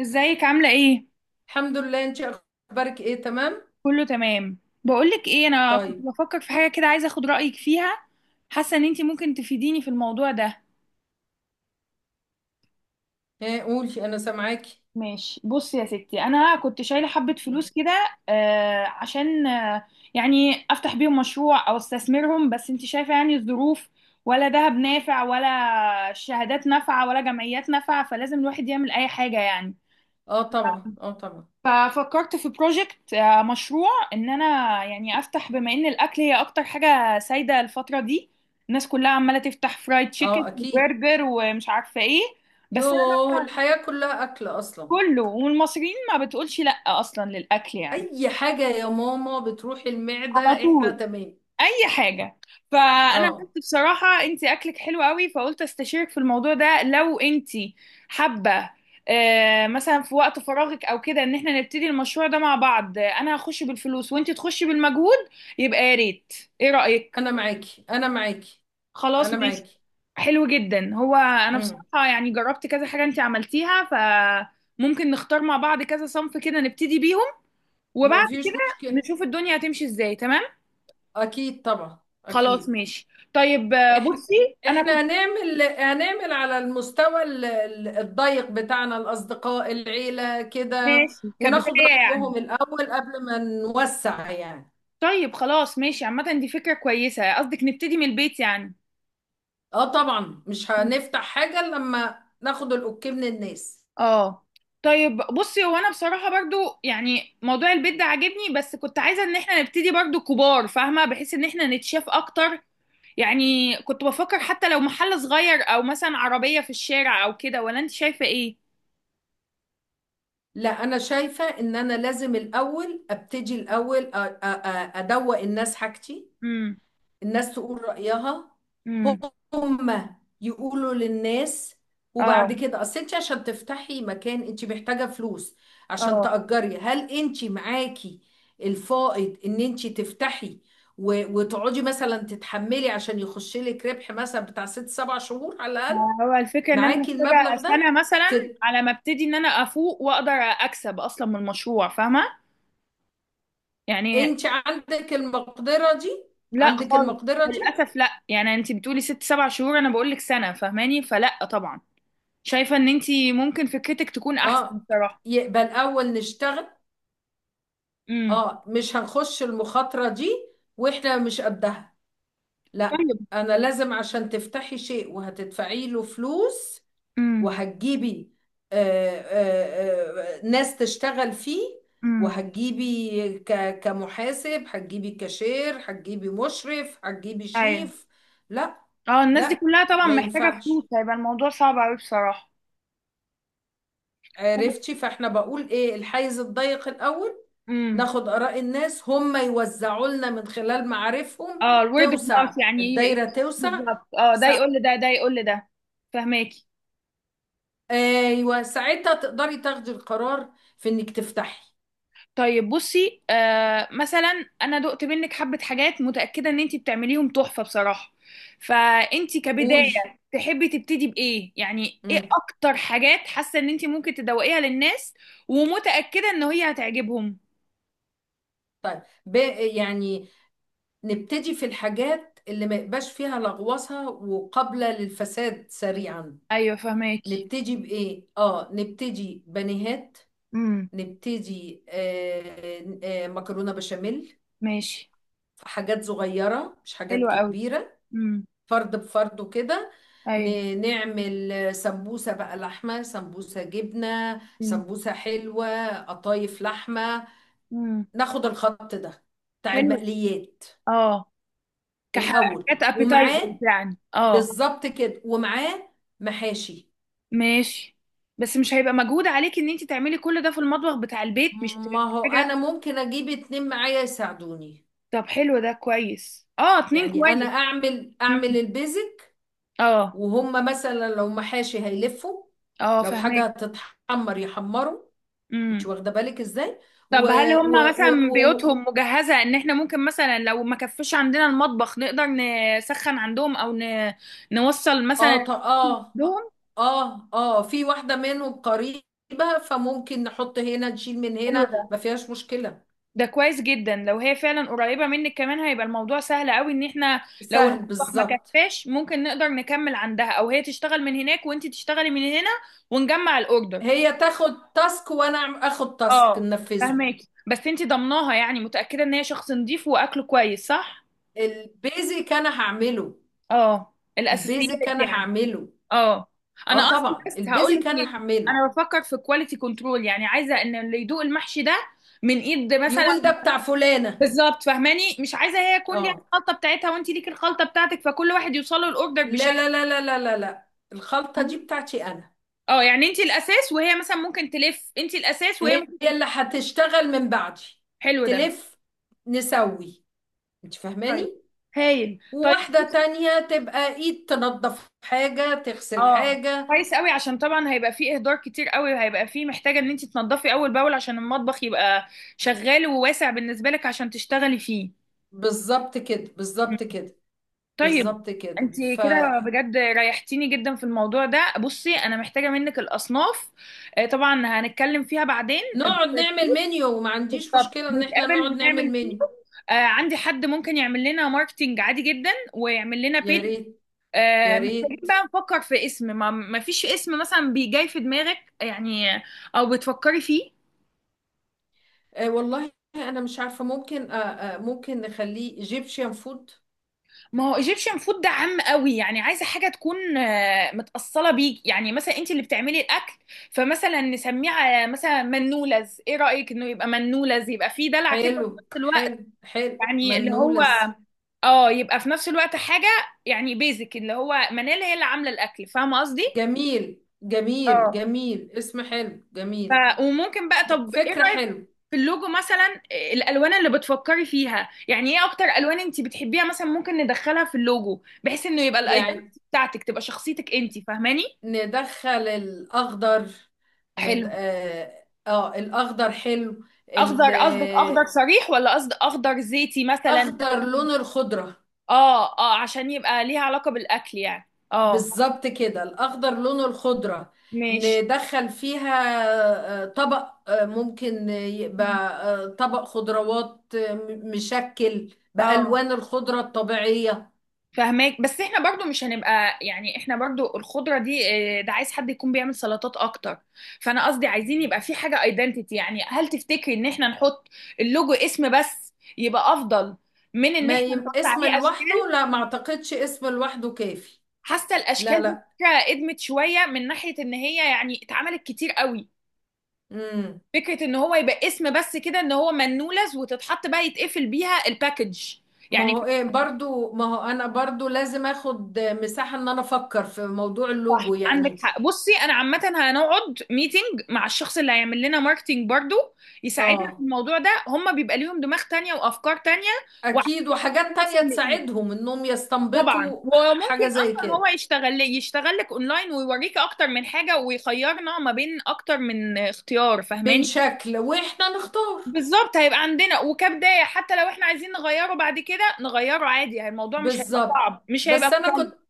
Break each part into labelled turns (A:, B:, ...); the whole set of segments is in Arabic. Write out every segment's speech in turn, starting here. A: ازيك عاملة ايه؟
B: الحمد لله، انت اخبارك ايه؟ تمام.
A: كله تمام. بقولك ايه، انا كنت
B: طيب.
A: بفكر في حاجة كده، عايزة اخد رأيك فيها. حاسة ان انتي ممكن تفيديني في الموضوع ده.
B: ها قولي، انا سامعاكي.
A: ماشي، بصي يا ستي، انا كنت شايلة حبة
B: مم.
A: فلوس كده. عشان يعني افتح بيهم مشروع او استثمرهم، بس انتي شايفة يعني الظروف. ولا دهب نافع ولا شهادات نافعة ولا جمعيات نافعة، فلازم الواحد يعمل اي حاجة يعني.
B: اه طبعا، اه طبعا.
A: ففكرت في بروجكت، مشروع، ان انا يعني افتح بما ان الاكل هي اكتر حاجه سايده الفتره دي. الناس كلها عماله تفتح فرايد تشيكن
B: اه اكيد.
A: وبرجر ومش عارفه ايه. بس انا
B: يوه،
A: بقى،
B: الحياة كلها اكل اصلا.
A: كله، والمصريين ما بتقولش لا اصلا للاكل يعني.
B: اي حاجة يا ماما بتروح المعدة.
A: على
B: احنا
A: طول،
B: تمام.
A: اي حاجه. فانا قلت
B: اه،
A: بصراحه انت اكلك حلو قوي، فقلت استشيرك في الموضوع ده لو انت حابه. مثلا في وقت فراغك او كده، ان احنا نبتدي المشروع ده مع بعض. انا هخش بالفلوس وانت تخشي بالمجهود، يبقى يا ريت. ايه رايك؟
B: انا معاكي، انا معاكي،
A: خلاص
B: انا
A: ماشي.
B: معاكي.
A: حلو جدا. هو انا
B: امم.
A: بصراحه يعني جربت كذا حاجه انت عملتيها، فممكن نختار مع بعض كذا صنف كده نبتدي بيهم. وبعد كده
B: مفيش مشكلة.
A: نشوف الدنيا هتمشي ازاي، تمام؟
B: اكيد طبعا
A: خلاص
B: اكيد.
A: ماشي. طيب
B: احنا
A: بصي انا
B: احنا
A: كنت.
B: هنعمل على المستوى الضيق بتاعنا، الاصدقاء، العيله كده.
A: ماشي كبداية
B: وناخد
A: يعني.
B: رايهم الاول قبل ما نوسع، يعني.
A: طيب خلاص ماشي. عامة دي فكرة كويسة، قصدك نبتدي من البيت يعني.
B: اه طبعا، مش هنفتح حاجه إلا لما ناخد الاوكي من الناس.
A: اه. طيب بصي، هو انا بصراحة برضو يعني موضوع البيت ده عاجبني، بس كنت عايزة ان احنا نبتدي برضو كبار فاهمة، بحيث ان احنا نتشاف اكتر. يعني كنت بفكر حتى لو محل صغير او مثلا عربية في الشارع او كده، ولا انت شايفة ايه؟
B: لا، انا شايفه ان انا لازم الاول ابتدي الاول، ادوق الناس حاجتي.
A: امم.
B: الناس تقول رأيها،
A: امم.
B: هم يقولوا للناس. وبعد
A: اه.
B: كده اصل انت عشان تفتحي مكان انت محتاجة فلوس عشان
A: اه.
B: تأجري. هل انت معاكي الفائض ان انت تفتحي وتقعدي مثلا تتحملي عشان يخش لك ربح مثلا بتاع ست سبع شهور على الأقل؟
A: هو الفكرة ان انا
B: معاكي
A: محتاجة
B: المبلغ
A: سنة
B: ده؟
A: مثلا،
B: تر...
A: على ما ابتدي ان انا افوق واقدر اكسب اصلا من المشروع، فاهمة يعني.
B: انت عندك المقدرة دي؟
A: لا
B: عندك
A: خالص.
B: المقدرة دي؟
A: للاسف لا، يعني انت بتقولي ست سبع شهور، انا بقول لك سنه، فاهماني؟ فلا طبعا. شايفه ان انت ممكن فكرتك تكون احسن
B: اه،
A: صراحه.
B: يبقى الأول نشتغل.
A: امم.
B: اه، مش هنخش المخاطرة دي، واحنا مش قدها. لا.
A: طيب.
B: انا لازم، عشان تفتحي شيء وهتدفعي له فلوس
A: امم.
B: وهتجيبي ناس تشتغل فيه،
A: امم.
B: وهتجيبي كمحاسب، هتجيبي كاشير، هتجيبي مشرف، هتجيبي
A: ايوه.
B: شيف. لا،
A: اه، الناس دي
B: لا
A: كلها طبعا
B: ما
A: محتاجه فلوس،
B: ينفعش.
A: هيبقى الموضوع صعب قوي بصراحه.
B: عرفتي؟ فاحنا بقول ايه، الحيز الضيق الاول.
A: امم.
B: ناخد آراء الناس، هم يوزعوا لنا من خلال معارفهم،
A: اه، الورد اوف
B: توسع
A: ماوث يعني
B: الدايرة، توسع.
A: بالظبط. اه، ده
B: سع...
A: يقول لده ده يقول لده. فهماكي.
B: ايوه، ساعتها تقدري تاخدي القرار في انك تفتحي.
A: طيب بصي، مثلا انا دقت منك حبه حاجات متاكده ان انت بتعمليهم تحفه بصراحه. فانت كبدايه
B: قولي.
A: تحبي تبتدي بايه يعني؟ ايه
B: امم.
A: اكتر حاجات حاسه ان انت ممكن تدوقيها للناس ومتاكده ان هي هتعجبهم؟
B: طيب، يعني نبتدي في الحاجات اللي ما يبقاش فيها لغوصة وقابلة للفساد سريعا.
A: ايوه فهماكي.
B: نبتدي بإيه؟ اه، نبتدي بانيهات،
A: امم.
B: نبتدي مكرونة بشاميل،
A: ماشي.
B: حاجات صغيرة مش
A: حلو
B: حاجات
A: قوي.
B: كبيرة،
A: امم.
B: فرد بفرد وكده.
A: ايوه.
B: نعمل سمبوسة بقى، لحمة، سمبوسة جبنة، سمبوسة حلوة، قطايف لحمة.
A: امم.
B: ناخد الخط ده بتاع
A: حلو.
B: المقليات
A: اه،
B: الأول،
A: كحاجات ابيتايزر
B: ومعاه،
A: يعني، اه.
B: بالظبط كده، ومعاه محاشي.
A: ماشي. بس مش هيبقى مجهود عليك ان انت تعملي كل ده في المطبخ بتاع البيت؟ مش هتبقى
B: ما هو أنا
A: حاجه.
B: ممكن أجيب اتنين معايا يساعدوني.
A: طب حلو ده كويس. اه، اتنين
B: يعني أنا
A: كويس.
B: أعمل
A: مم.
B: البيزك،
A: اه.
B: وهم مثلا لو محاشي هيلفوا،
A: اه
B: لو حاجة
A: فهماكي.
B: هتتحمر يحمروا. انت واخده بالك ازاي؟ و
A: طب هل هم
B: و و,
A: مثلا
B: و...
A: بيوتهم مجهزة ان احنا ممكن مثلا لو ما كفش عندنا المطبخ نقدر نسخن عندهم او نوصل مثلا
B: اه
A: عندهم.
B: اه اه، في واحده منهم قريبه، فممكن نحط هنا نشيل من
A: حلو
B: هنا،
A: ده.
B: ما فيهاش مشكله.
A: ده كويس جدا لو هي فعلا قريبة منك، كمان هيبقى الموضوع سهل قوي ان احنا لو
B: سهل
A: المطبخ ما
B: بالظبط.
A: كفاش ممكن نقدر نكمل عندها، او هي تشتغل من هناك وانت تشتغلي من هنا ونجمع الاوردر.
B: هي تاخد تاسك وانا اخد تاسك
A: اه
B: ننفذه.
A: فهماكي. بس انت ضمناها؟ يعني متأكدة ان هي شخص نظيف واكله كويس، صح؟
B: البيزك انا هعمله.
A: اه، الاساسيات
B: البيزك انا
A: يعني،
B: هعمله.
A: اه.
B: اه
A: انا قصدي
B: طبعا،
A: بس هقول لك
B: البيزك
A: ليه،
B: انا هعمله.
A: انا بفكر في كواليتي كنترول يعني، عايزه ان اللي يدوق المحشي ده من ايد مثلا.
B: يقول ده بتاع فلانه.
A: بالظبط، فاهماني؟ مش عايزه هي يكون ليها
B: اه،
A: الخلطه بتاعتها وانت ليكي الخلطه بتاعتك، فكل واحد يوصله الاوردر
B: لا
A: بشكل.
B: لا لا لا لا لا لا، الخلطه دي بتاعتي انا.
A: اه، يعني انت الاساس وهي مثلا ممكن تلف، انت الاساس وهي
B: هي
A: ممكن.
B: اللي هتشتغل من بعدي،
A: حلو ده.
B: تلف، نسوي، انت
A: طيب
B: فاهماني؟
A: هايل. طيب
B: وواحدة تانية تبقى ايد، تنظف حاجة تغسل
A: اه
B: حاجة.
A: كويس قوي، عشان طبعا هيبقى فيه اهدار كتير قوي، وهيبقى فيه محتاجه ان انت تنضفي اول باول عشان المطبخ يبقى شغال وواسع بالنسبه لك عشان تشتغلي فيه.
B: بالظبط كده، بالظبط كده،
A: طيب
B: بالظبط كده،
A: انت كده،
B: فنقعد
A: بجد ريحتيني جدا في الموضوع ده. بصي انا محتاجه منك الاصناف. طبعا هنتكلم فيها بعدين. بالظبط،
B: نعمل منيو. وما عنديش مشكلة ان احنا
A: نتقابل
B: نقعد نعمل
A: ونعمل فيه.
B: منيو.
A: عندي حد ممكن يعمل لنا ماركتينج عادي جدا ويعمل لنا
B: يا
A: بيج.
B: ريت. يا
A: محتاجين
B: ريت.
A: بقى نفكر في اسم. ما فيش اسم مثلا بيجي في دماغك يعني، او بتفكري فيه؟
B: آه والله، انا مش عارفة. ممكن آه آه ممكن نخليه ايجيبشن فود.
A: ما هو ايجيبشن فود ده عام قوي يعني، عايزه حاجه تكون متاصله بيك يعني، مثلا انت اللي بتعملي الاكل. فمثلا نسميه على مثلا منولز، ايه رايك؟ انه يبقى منولز، يبقى فيه دلع كده في
B: حلو
A: نفس الوقت.
B: حلو حلو،
A: يعني اللي هو
B: منولز.
A: اه يبقى في نفس الوقت حاجه، يعني بيزك اللي هو منال هي اللي عامله الاكل، فاهمه قصدي؟
B: جميل جميل
A: اه.
B: جميل، اسم حلو جميل.
A: ف وممكن بقى، طب ايه
B: فكرة
A: رايك
B: حلو.
A: في اللوجو مثلا؟ الالوان اللي بتفكري فيها يعني، ايه اكتر الوان انت بتحبيها مثلا ممكن ندخلها في اللوجو بحيث انه يبقى
B: يعني
A: الايدنتي بتاعتك تبقى شخصيتك انت، فاهماني؟
B: ندخل الأخضر. ند...
A: حلو.
B: آه... آه الأخضر حلو.
A: اخضر قصدك، اخضر
B: الأخضر
A: صريح ولا قصد اخضر زيتي مثلا؟
B: لون الخضرة.
A: اه اه، عشان يبقى ليها علاقة بالاكل يعني، اه.
B: بالظبط كده، الأخضر لون الخضرة.
A: ماشي.
B: ندخل فيها طبق، ممكن يبقى طبق خضروات مشكل
A: اه
B: بألوان الخضرة الطبيعية.
A: فهماك، بس احنا برضو مش هنبقى يعني احنا برضو الخضرة دي ده عايز حد يكون بيعمل سلطات اكتر. فانا قصدي عايزين يبقى في حاجة ايدنتيتي، يعني هل تفتكري ان احنا نحط اللوجو اسم بس يبقى افضل من ان
B: ما
A: احنا
B: يم...
A: نحط
B: اسم
A: عليه
B: لوحده،
A: اشكال؟
B: لا ما اعتقدش اسم لوحده كافي.
A: حاسة
B: لا
A: الاشكال دي
B: لا.
A: فكرة قدمت شوية، من ناحية ان هي يعني اتعملت كتير قوي.
B: امم.
A: فكرة ان هو يبقى اسم بس كده، ان هو منولز، وتتحط بقى يتقفل بيها الباكج يعني.
B: ما هو انا برضو لازم اخد مساحة ان انا افكر في موضوع
A: صح،
B: اللوجو، يعني.
A: عندك حق. بصي انا عامه هنقعد ميتنج مع الشخص اللي هيعمل لنا ماركتينج برضو يساعدنا في
B: اه
A: الموضوع ده، هم بيبقى ليهم دماغ تانية وافكار تانية وعارفين
B: اكيد، وحاجات
A: وصل
B: تانية
A: لايه.
B: تساعدهم انهم
A: طبعا.
B: يستنبطوا
A: وممكن
B: حاجة زي
A: اصلا هو
B: كده،
A: يشتغل لي، يشتغل لك اونلاين ويوريك اكتر من حاجه ويخيرنا ما بين اكتر من اختيار،
B: من
A: فاهماني؟
B: شكل واحنا نختار.
A: بالظبط، هيبقى عندنا. وكبدايه حتى لو احنا عايزين نغيره بعد كده نغيره عادي يعني، الموضوع مش هيبقى
B: بالظبط.
A: صعب، مش هيبقى
B: بس انا
A: مكلف.
B: كنت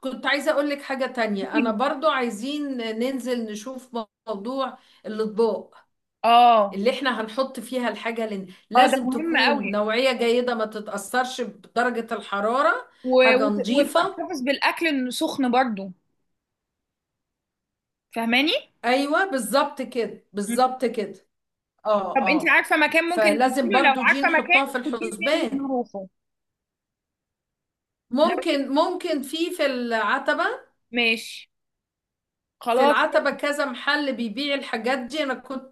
B: كنت عايزة اقول لك حاجة تانية. انا برضو عايزين ننزل نشوف موضوع الاطباق
A: اه.
B: اللي احنا هنحط فيها الحاجة، لن...
A: اه ده
B: لازم
A: مهم قوي،
B: تكون نوعية جيدة، ما تتأثرش بدرجة الحرارة، حاجة نظيفة.
A: وتحتفظ بالاكل انه سخن برضو، فاهماني.
B: ايوه بالظبط كده،
A: مم.
B: بالظبط كده. اه
A: طب انت
B: اه.
A: عارفه مكان ممكن
B: فلازم
A: ننزله؟ لو
B: برضو دي
A: عارفه مكان،
B: نحطها في
A: خديني ننزل
B: الحسبان.
A: نروحه. لو
B: ممكن في العتبة.
A: ماشي،
B: في
A: خلاص.
B: العتبة كذا محل بيبيع الحاجات دي. انا كنت،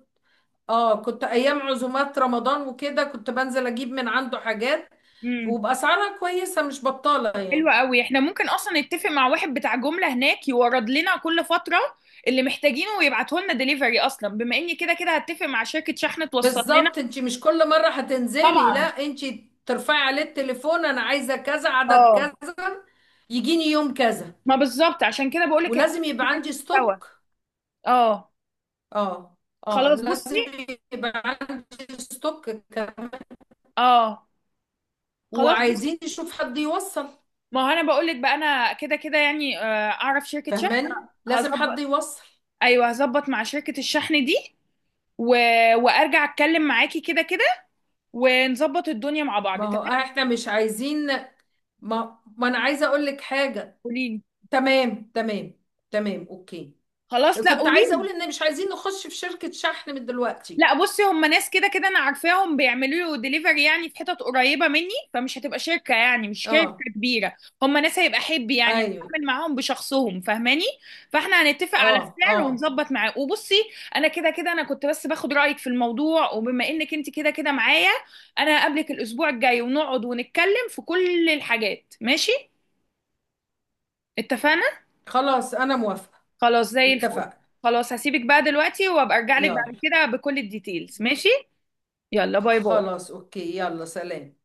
B: اه، كنت ايام عزومات رمضان وكده كنت بنزل اجيب من عنده حاجات،
A: امم.
B: وبأسعارها كويسة، مش بطالة
A: حلو
B: يعني.
A: قوي. احنا ممكن اصلا نتفق مع واحد بتاع جمله هناك يورد لنا كل فتره اللي محتاجينه، ويبعته لنا دليفري اصلا، بما اني كده كده هتفق مع شركه شحن توصل لنا.
B: بالظبط، انت مش كل مرة هتنزلي، لا،
A: طبعا.
B: انت ترفعي عليه التليفون، انا عايزة كذا، عدد
A: اه،
B: كذا، يجيني يوم كذا.
A: ما بالظبط، عشان كده بقول لك احنا
B: ولازم يبقى
A: ممكن
B: عندي
A: ننزل سوا.
B: ستوك.
A: اه
B: اه اه،
A: خلاص
B: لازم
A: بصي.
B: يبقى عندي ستوك كمان.
A: اه خلاص.
B: وعايزين نشوف حد يوصل.
A: ما هو انا بقول لك بقى انا كده كده يعني اعرف شركه شحن،
B: فهماني، لازم حد
A: هظبط.
B: يوصل.
A: ايوه، هظبط مع شركه الشحن دي. و... وارجع اتكلم معاكي كده كده ونظبط الدنيا مع بعض،
B: ما هو
A: تمام؟
B: احنا مش عايزين، ما انا عايزة اقول لك حاجة.
A: قولي لي.
B: تمام تمام، تمام اوكي.
A: خلاص، لا
B: كنت عايزة
A: قولي.
B: اقول ان مش عايزين نخش في شركة شحن من دلوقتي.
A: لا بصي، هم ناس كده كده انا عارفاهم بيعملوا له ديليفري يعني في حتت قريبه مني، فمش هتبقى شركه يعني، مش شركه
B: اه.
A: كبيره. هم ناس هيبقى حب يعني،
B: ايوه.
A: هتعامل معاهم بشخصهم، فاهماني؟ فاحنا هنتفق على
B: اه
A: السعر
B: اه.
A: ونظبط معاه، وبصي انا كده كده انا كنت بس باخد رايك في الموضوع، وبما انك انت كده كده معايا انا هقابلك الاسبوع الجاي ونقعد ونتكلم في كل الحاجات، ماشي؟ اتفقنا.
B: خلاص، انا موافقة.
A: خلاص زي الفل.
B: اتفقنا.
A: خلاص هسيبك بقى دلوقتي وابقى ارجع لك
B: يلا.
A: بعد كده بكل الديتيلز، ماشي؟ يلا باي باي.
B: خلاص، اوكي، يلا، سلام.